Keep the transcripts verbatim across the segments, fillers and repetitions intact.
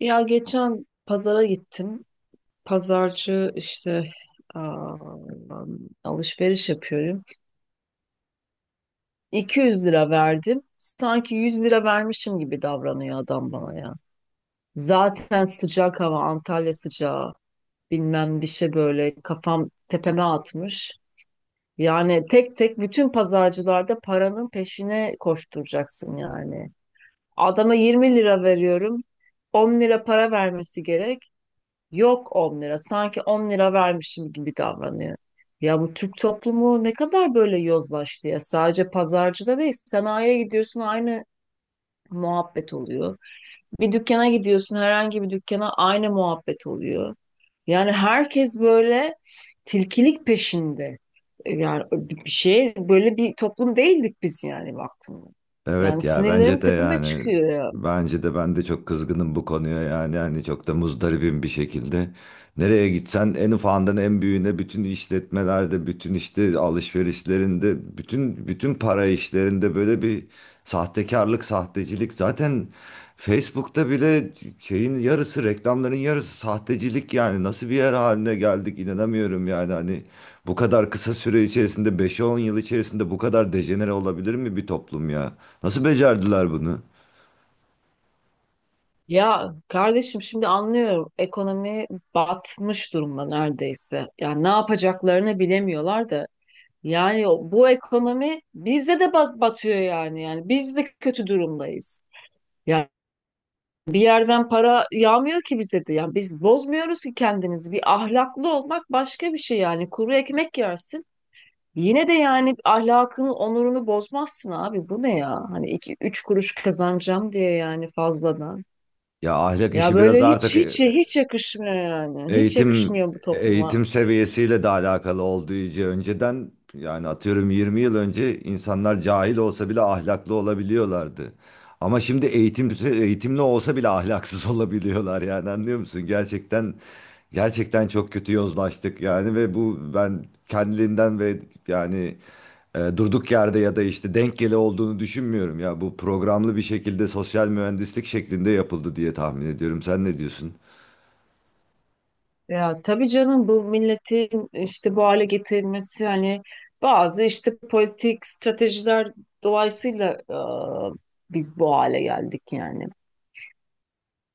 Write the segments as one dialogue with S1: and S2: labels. S1: Ya geçen pazara gittim. Pazarcı işte, aa, alışveriş yapıyorum. iki yüz lira verdim. Sanki yüz lira vermişim gibi davranıyor adam bana ya. Zaten sıcak hava, Antalya sıcağı. Bilmem bir şey, böyle kafam tepeme atmış. Yani tek tek bütün pazarcılarda paranın peşine koşturacaksın yani. Adama yirmi lira veriyorum. on lira para vermesi gerek. Yok on lira. Sanki on lira vermişim gibi davranıyor. Ya bu Türk toplumu ne kadar böyle yozlaştı ya. Sadece pazarcıda değil, sanayiye gidiyorsun, aynı muhabbet oluyor. Bir dükkana gidiyorsun, herhangi bir dükkana, aynı muhabbet oluyor. Yani herkes böyle tilkilik peşinde. Yani bir bir şey, böyle bir toplum değildik biz yani baktığında. Yani
S2: Evet ya
S1: sinirlerim
S2: bence de
S1: tepeme
S2: yani
S1: çıkıyor ya.
S2: bence de ben de çok kızgınım bu konuya yani hani çok da muzdaribim bir şekilde. Nereye gitsen en ufağından en büyüğüne bütün işletmelerde, bütün işte alışverişlerinde, bütün bütün para işlerinde böyle bir sahtekarlık, sahtecilik. Zaten Facebook'ta bile şeyin yarısı, reklamların yarısı sahtecilik yani. Nasıl bir yer haline geldik inanamıyorum yani. Hani bu kadar kısa süre içerisinde beş on yıl içerisinde bu kadar dejenere olabilir mi bir toplum ya? Nasıl becerdiler bunu?
S1: Ya kardeşim, şimdi anlıyorum, ekonomi batmış durumda neredeyse. Yani ne yapacaklarını bilemiyorlar da. Yani o- bu ekonomi bizde de bat- batıyor yani. Yani biz de kötü durumdayız. Yani bir yerden para yağmıyor ki bize de. Yani biz bozmuyoruz ki kendimizi. Bir ahlaklı olmak başka bir şey yani. Kuru ekmek yersin. Yine de yani ahlakını, onurunu bozmazsın abi. Bu ne ya? Hani iki, üç kuruş kazanacağım diye yani fazladan.
S2: Ya ahlak
S1: Ya
S2: işi biraz
S1: böyle hiç
S2: artık. e,
S1: hiç hiç yakışmıyor yani. Hiç
S2: Eğitim
S1: yakışmıyor bu topluma.
S2: eğitim seviyesiyle de alakalı olduğu için önceden yani atıyorum yirmi yıl önce insanlar cahil olsa bile ahlaklı olabiliyorlardı. Ama şimdi eğitim eğitimli olsa bile ahlaksız olabiliyorlar yani anlıyor musun? Gerçekten gerçekten çok kötü yozlaştık yani ve bu ben kendiliğinden ve yani e, durduk yerde ya da işte denk geli olduğunu düşünmüyorum ya bu programlı bir şekilde sosyal mühendislik şeklinde yapıldı diye tahmin ediyorum. Sen ne diyorsun?
S1: Ya tabii canım, bu milletin işte bu hale getirilmesi, hani bazı işte politik stratejiler dolayısıyla e, biz bu hale geldik yani.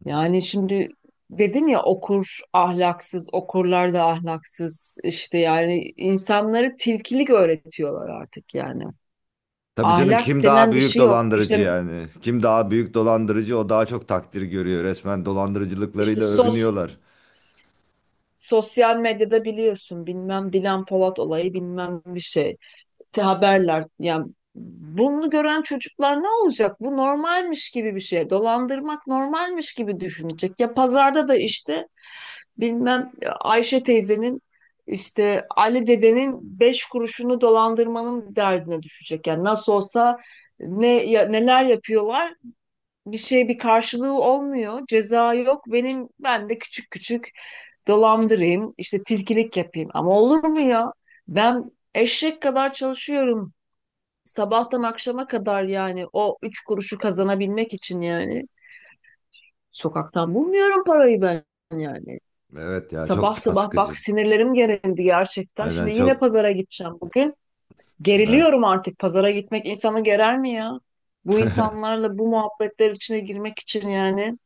S1: Yani şimdi dedin ya, okur ahlaksız, okurlar da ahlaksız işte, yani insanları tilkilik öğretiyorlar artık yani.
S2: Tabii canım
S1: Ahlak
S2: kim daha
S1: denen bir
S2: büyük
S1: şey yok.
S2: dolandırıcı
S1: İşte
S2: yani? Kim daha büyük dolandırıcı o daha çok takdir görüyor. Resmen
S1: işte
S2: dolandırıcılıklarıyla
S1: sos
S2: övünüyorlar.
S1: sosyal medyada biliyorsun, bilmem Dilan Polat olayı, bilmem bir şey. Te haberler yani, bunu gören çocuklar ne olacak? Bu normalmiş gibi bir şey. Dolandırmak normalmiş gibi düşünecek. Ya pazarda da işte bilmem, e, Ayşe teyzenin, işte Ali dedenin beş kuruşunu dolandırmanın derdine düşecek. Yani nasıl olsa, ne ya, neler yapıyorlar, bir şey bir karşılığı olmuyor. Ceza yok. Benim ben de küçük küçük dolandırayım, işte tilkilik yapayım. Ama olur mu ya? Ben eşek kadar çalışıyorum. Sabahtan akşama kadar yani o üç kuruşu kazanabilmek için yani. Sokaktan bulmuyorum parayı ben yani.
S2: Evet ya çok
S1: Sabah
S2: can
S1: sabah bak,
S2: sıkıcı.
S1: sinirlerim gerildi gerçekten.
S2: Aynen
S1: Şimdi yine
S2: çok
S1: pazara gideceğim bugün.
S2: evet.
S1: Geriliyorum artık, pazara gitmek insanı gerer mi ya? Bu insanlarla bu muhabbetler içine girmek için yani.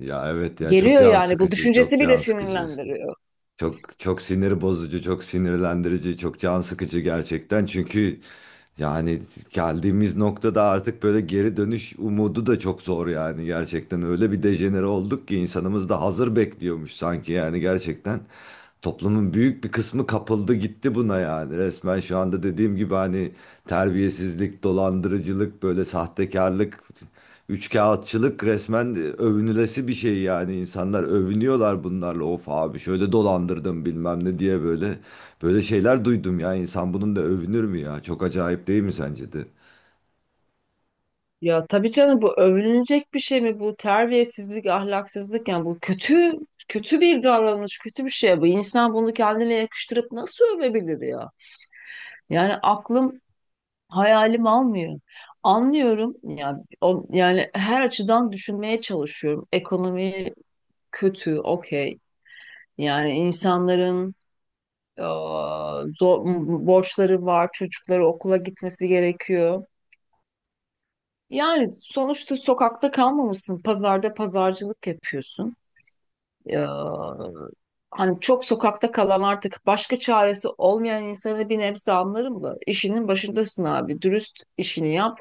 S2: Ya evet ya çok
S1: Geliyor
S2: can
S1: yani, bu
S2: sıkıcı, çok
S1: düşüncesi bile
S2: can sıkıcı.
S1: sinirlendiriyor.
S2: Çok çok sinir bozucu, çok sinirlendirici, çok can sıkıcı gerçekten. Çünkü yani geldiğimiz noktada artık böyle geri dönüş umudu da çok zor yani gerçekten. Öyle bir dejenere olduk ki insanımız da hazır bekliyormuş sanki yani gerçekten. Toplumun büyük bir kısmı kapıldı gitti buna yani. Resmen şu anda dediğim gibi hani terbiyesizlik, dolandırıcılık, böyle sahtekarlık, üçkağıtçılık resmen e, övünülesi bir şey yani insanlar övünüyorlar bunlarla, of abi, şöyle dolandırdım bilmem ne diye, böyle böyle şeyler duydum ya. İnsan bunun da övünür mü ya? Çok acayip değil mi sence de?
S1: Ya tabii canım, bu övünülecek bir şey mi, bu terbiyesizlik, ahlaksızlık, yani bu kötü kötü bir davranış, kötü bir şey. Bu insan bunu kendine yakıştırıp nasıl övebilir ya? Yani aklım hayalim almıyor. Anlıyorum ya o, yani her açıdan düşünmeye çalışıyorum. Ekonomi kötü, okey. Yani insanların eee, zor, borçları var, çocukları okula gitmesi gerekiyor. Yani sonuçta sokakta kalmamışsın. Pazarda pazarcılık yapıyorsun. Ee, hani çok sokakta kalan, artık başka çaresi olmayan insanı bir nebze anlarım da, işinin başındasın abi. Dürüst işini yap.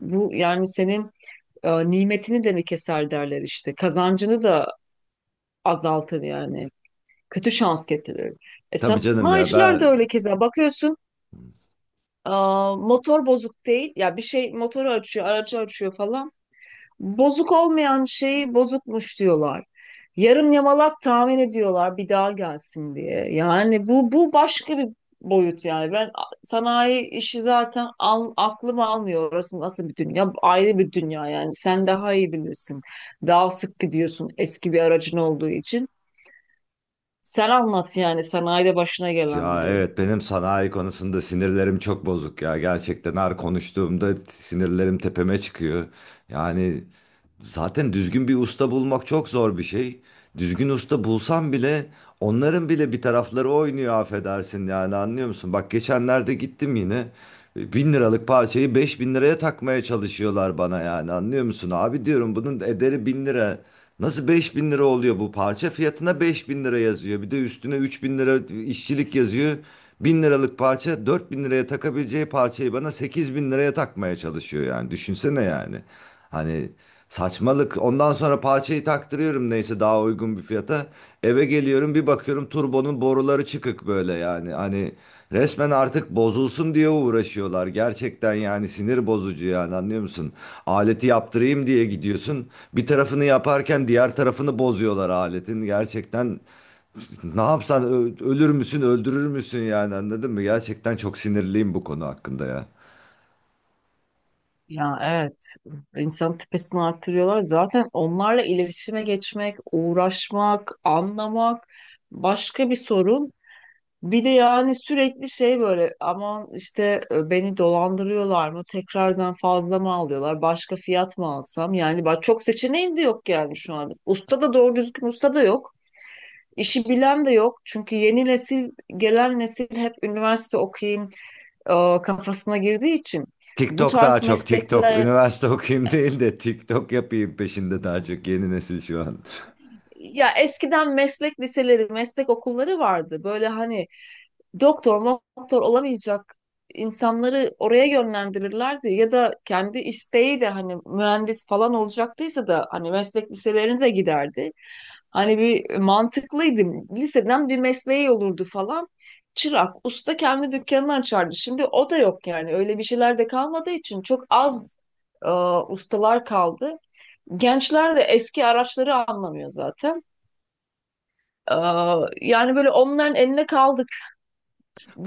S1: Bu yani senin e, nimetini de mi keser derler işte. Kazancını da azaltır yani. Kötü şans getirir. E,
S2: Tabii canım ya
S1: sanayiciler de
S2: ben,
S1: öyle keza. Bakıyorsun, e, motor bozuk değil. Ya bir şey, motoru açıyor, aracı açıyor falan. Bozuk olmayan şeyi bozukmuş diyorlar. Yarım yamalak tahmin ediyorlar bir daha gelsin diye. Yani bu bu başka bir boyut yani. Ben a- sanayi işi zaten al, aklım almıyor. Orası nasıl bir dünya? Ayrı bir dünya yani. Sen daha iyi bilirsin. Daha sık gidiyorsun eski bir aracın olduğu için. Sen anlat yani sanayide başına
S2: ya
S1: gelenleri.
S2: evet, benim sanayi konusunda sinirlerim çok bozuk ya gerçekten, her konuştuğumda sinirlerim tepeme çıkıyor yani. Zaten düzgün bir usta bulmak çok zor bir şey. Düzgün usta bulsam bile onların bile bir tarafları oynuyor affedersin yani anlıyor musun? Bak geçenlerde gittim yine, e, bin liralık parçayı beş bin liraya takmaya çalışıyorlar bana yani anlıyor musun? Abi diyorum bunun ederi bin lira. Nasıl beş bin lira oluyor bu parça? Fiyatına beş bin lira yazıyor. Bir de üstüne üç bin lira işçilik yazıyor. Bin liralık parça, dört bin liraya takabileceği parçayı bana sekiz bin liraya takmaya çalışıyor yani düşünsene yani. Hani saçmalık. Ondan sonra parçayı taktırıyorum neyse daha uygun bir fiyata. Eve geliyorum bir bakıyorum turbonun boruları çıkık böyle yani. Hani resmen artık bozulsun diye uğraşıyorlar. Gerçekten yani sinir bozucu yani anlıyor musun? Aleti yaptırayım diye gidiyorsun. Bir tarafını yaparken diğer tarafını bozuyorlar aletin. Gerçekten ne yapsan ö- ölür müsün öldürür müsün yani anladın mı? Gerçekten çok sinirliyim bu konu hakkında ya.
S1: Ya evet. İnsan tepesini arttırıyorlar. Zaten onlarla iletişime geçmek, uğraşmak, anlamak başka bir sorun. Bir de yani sürekli şey, böyle aman işte, e, beni dolandırıyorlar mı? Tekrardan fazla mı alıyorlar? Başka fiyat mı alsam? Yani bak, çok seçeneğim de yok yani şu an. Usta da, doğru düzgün usta da yok. İşi bilen de yok. Çünkü yeni nesil, gelen nesil hep üniversite okuyayım e, kafasına girdiği için bu
S2: TikTok, daha
S1: tarz
S2: çok TikTok.
S1: meslekler.
S2: Üniversite okuyayım değil de TikTok yapayım peşinde daha çok yeni nesil şu an.
S1: Ya eskiden meslek liseleri, meslek okulları vardı. Böyle hani doktor, doktor olamayacak insanları oraya yönlendirirlerdi. Ya da kendi isteğiyle, hani mühendis falan olacaktıysa da, hani meslek liselerine de giderdi. Hani bir mantıklıydı. Liseden bir mesleği olurdu falan. Çırak, usta kendi dükkanını açardı. Şimdi o da yok yani. Öyle bir şeyler de kalmadığı için çok az e, ustalar kaldı. Gençler de eski araçları anlamıyor zaten. Aa, yani böyle onların eline kaldık.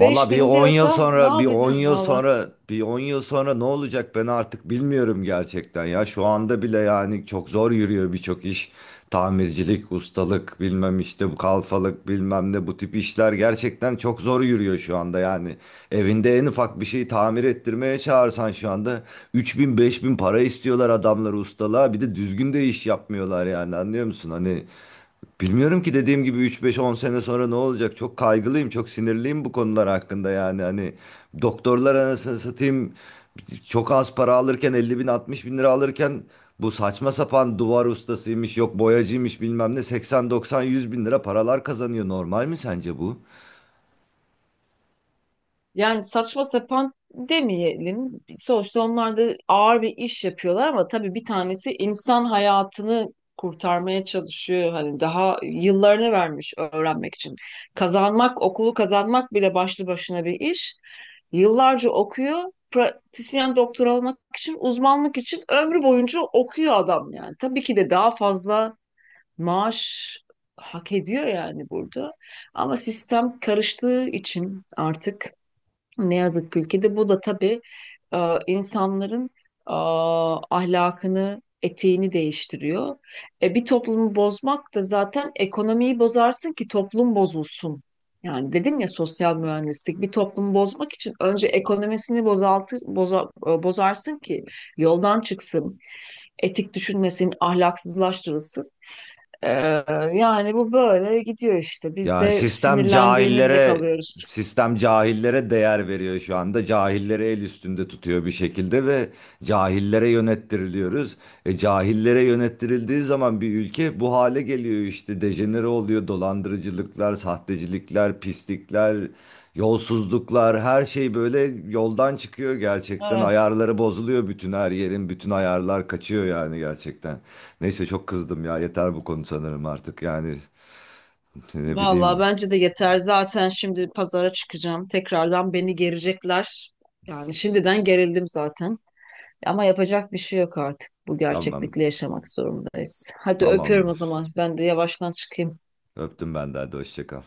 S2: Valla bir
S1: bin
S2: on yıl
S1: diyorsa ne
S2: sonra, bir on
S1: yapacağım
S2: yıl
S1: valla.
S2: sonra, bir on yıl sonra ne olacak ben artık bilmiyorum gerçekten ya. Şu anda bile yani çok zor yürüyor birçok iş. Tamircilik, ustalık, bilmem işte bu kalfalık, bilmem ne, bu tip işler gerçekten çok zor yürüyor şu anda yani. Evinde en ufak bir şeyi tamir ettirmeye çağırsan şu anda 3000 bin, beş bin para istiyorlar adamlar ustalığa. Bir de düzgün de iş yapmıyorlar yani anlıyor musun? Hani bilmiyorum ki, dediğim gibi üç beş on sene sonra ne olacak? Çok kaygılıyım, çok sinirliyim bu konular hakkında yani. Hani doktorlar, anasını satayım, çok az para alırken, elli bin altmış bin lira alırken, bu saçma sapan duvar ustasıymış, yok boyacıymış, bilmem ne seksen doksan-yüz bin lira paralar kazanıyor. Normal mi sence bu?
S1: Yani saçma sapan demeyelim. Sonuçta onlar da ağır bir iş yapıyorlar, ama tabii bir tanesi insan hayatını kurtarmaya çalışıyor. Hani daha yıllarını vermiş öğrenmek için. Kazanmak, okulu kazanmak bile başlı başına bir iş. Yıllarca okuyor. Pratisyen doktor olmak için, uzmanlık için ömrü boyunca okuyor adam yani. Tabii ki de daha fazla maaş hak ediyor yani burada. Ama sistem karıştığı için artık, ne yazık ki ülkede, bu da tabii e, insanların e, ahlakını, etiğini değiştiriyor. E, bir toplumu bozmak da zaten, ekonomiyi bozarsın ki toplum bozulsun. Yani dedim ya, sosyal mühendislik, bir toplumu bozmak için önce ekonomisini bozaltı, boza- e, bozarsın ki yoldan çıksın, etik düşünmesin, ahlaksızlaştırılsın. Ee, yani bu böyle gidiyor işte. Biz
S2: Yani
S1: de
S2: sistem
S1: sinirlendiğimizde
S2: cahillere
S1: kalıyoruz.
S2: sistem cahillere değer veriyor şu anda. Cahilleri el üstünde tutuyor bir şekilde ve cahillere yönettiriliyoruz. E, cahillere yönettirildiği zaman bir ülke bu hale geliyor işte. Dejenere oluyor. Dolandırıcılıklar, sahtecilikler, pislikler, yolsuzluklar, her şey böyle yoldan çıkıyor gerçekten.
S1: Evet.
S2: Ayarları bozuluyor bütün her yerin. Bütün ayarlar kaçıyor yani gerçekten. Neyse, çok kızdım ya. Yeter bu konu sanırım artık yani. Ne
S1: Vallahi
S2: bileyim.
S1: bence de yeter. Zaten şimdi pazara çıkacağım. Tekrardan beni gerecekler. Yani şimdiden gerildim zaten. Ama yapacak bir şey yok artık. Bu
S2: Tamam.
S1: gerçeklikle yaşamak zorundayız. Hadi öpüyorum o
S2: Tamamdır.
S1: zaman. Ben de yavaştan çıkayım.
S2: Öptüm ben de. Hadi hoşça kal.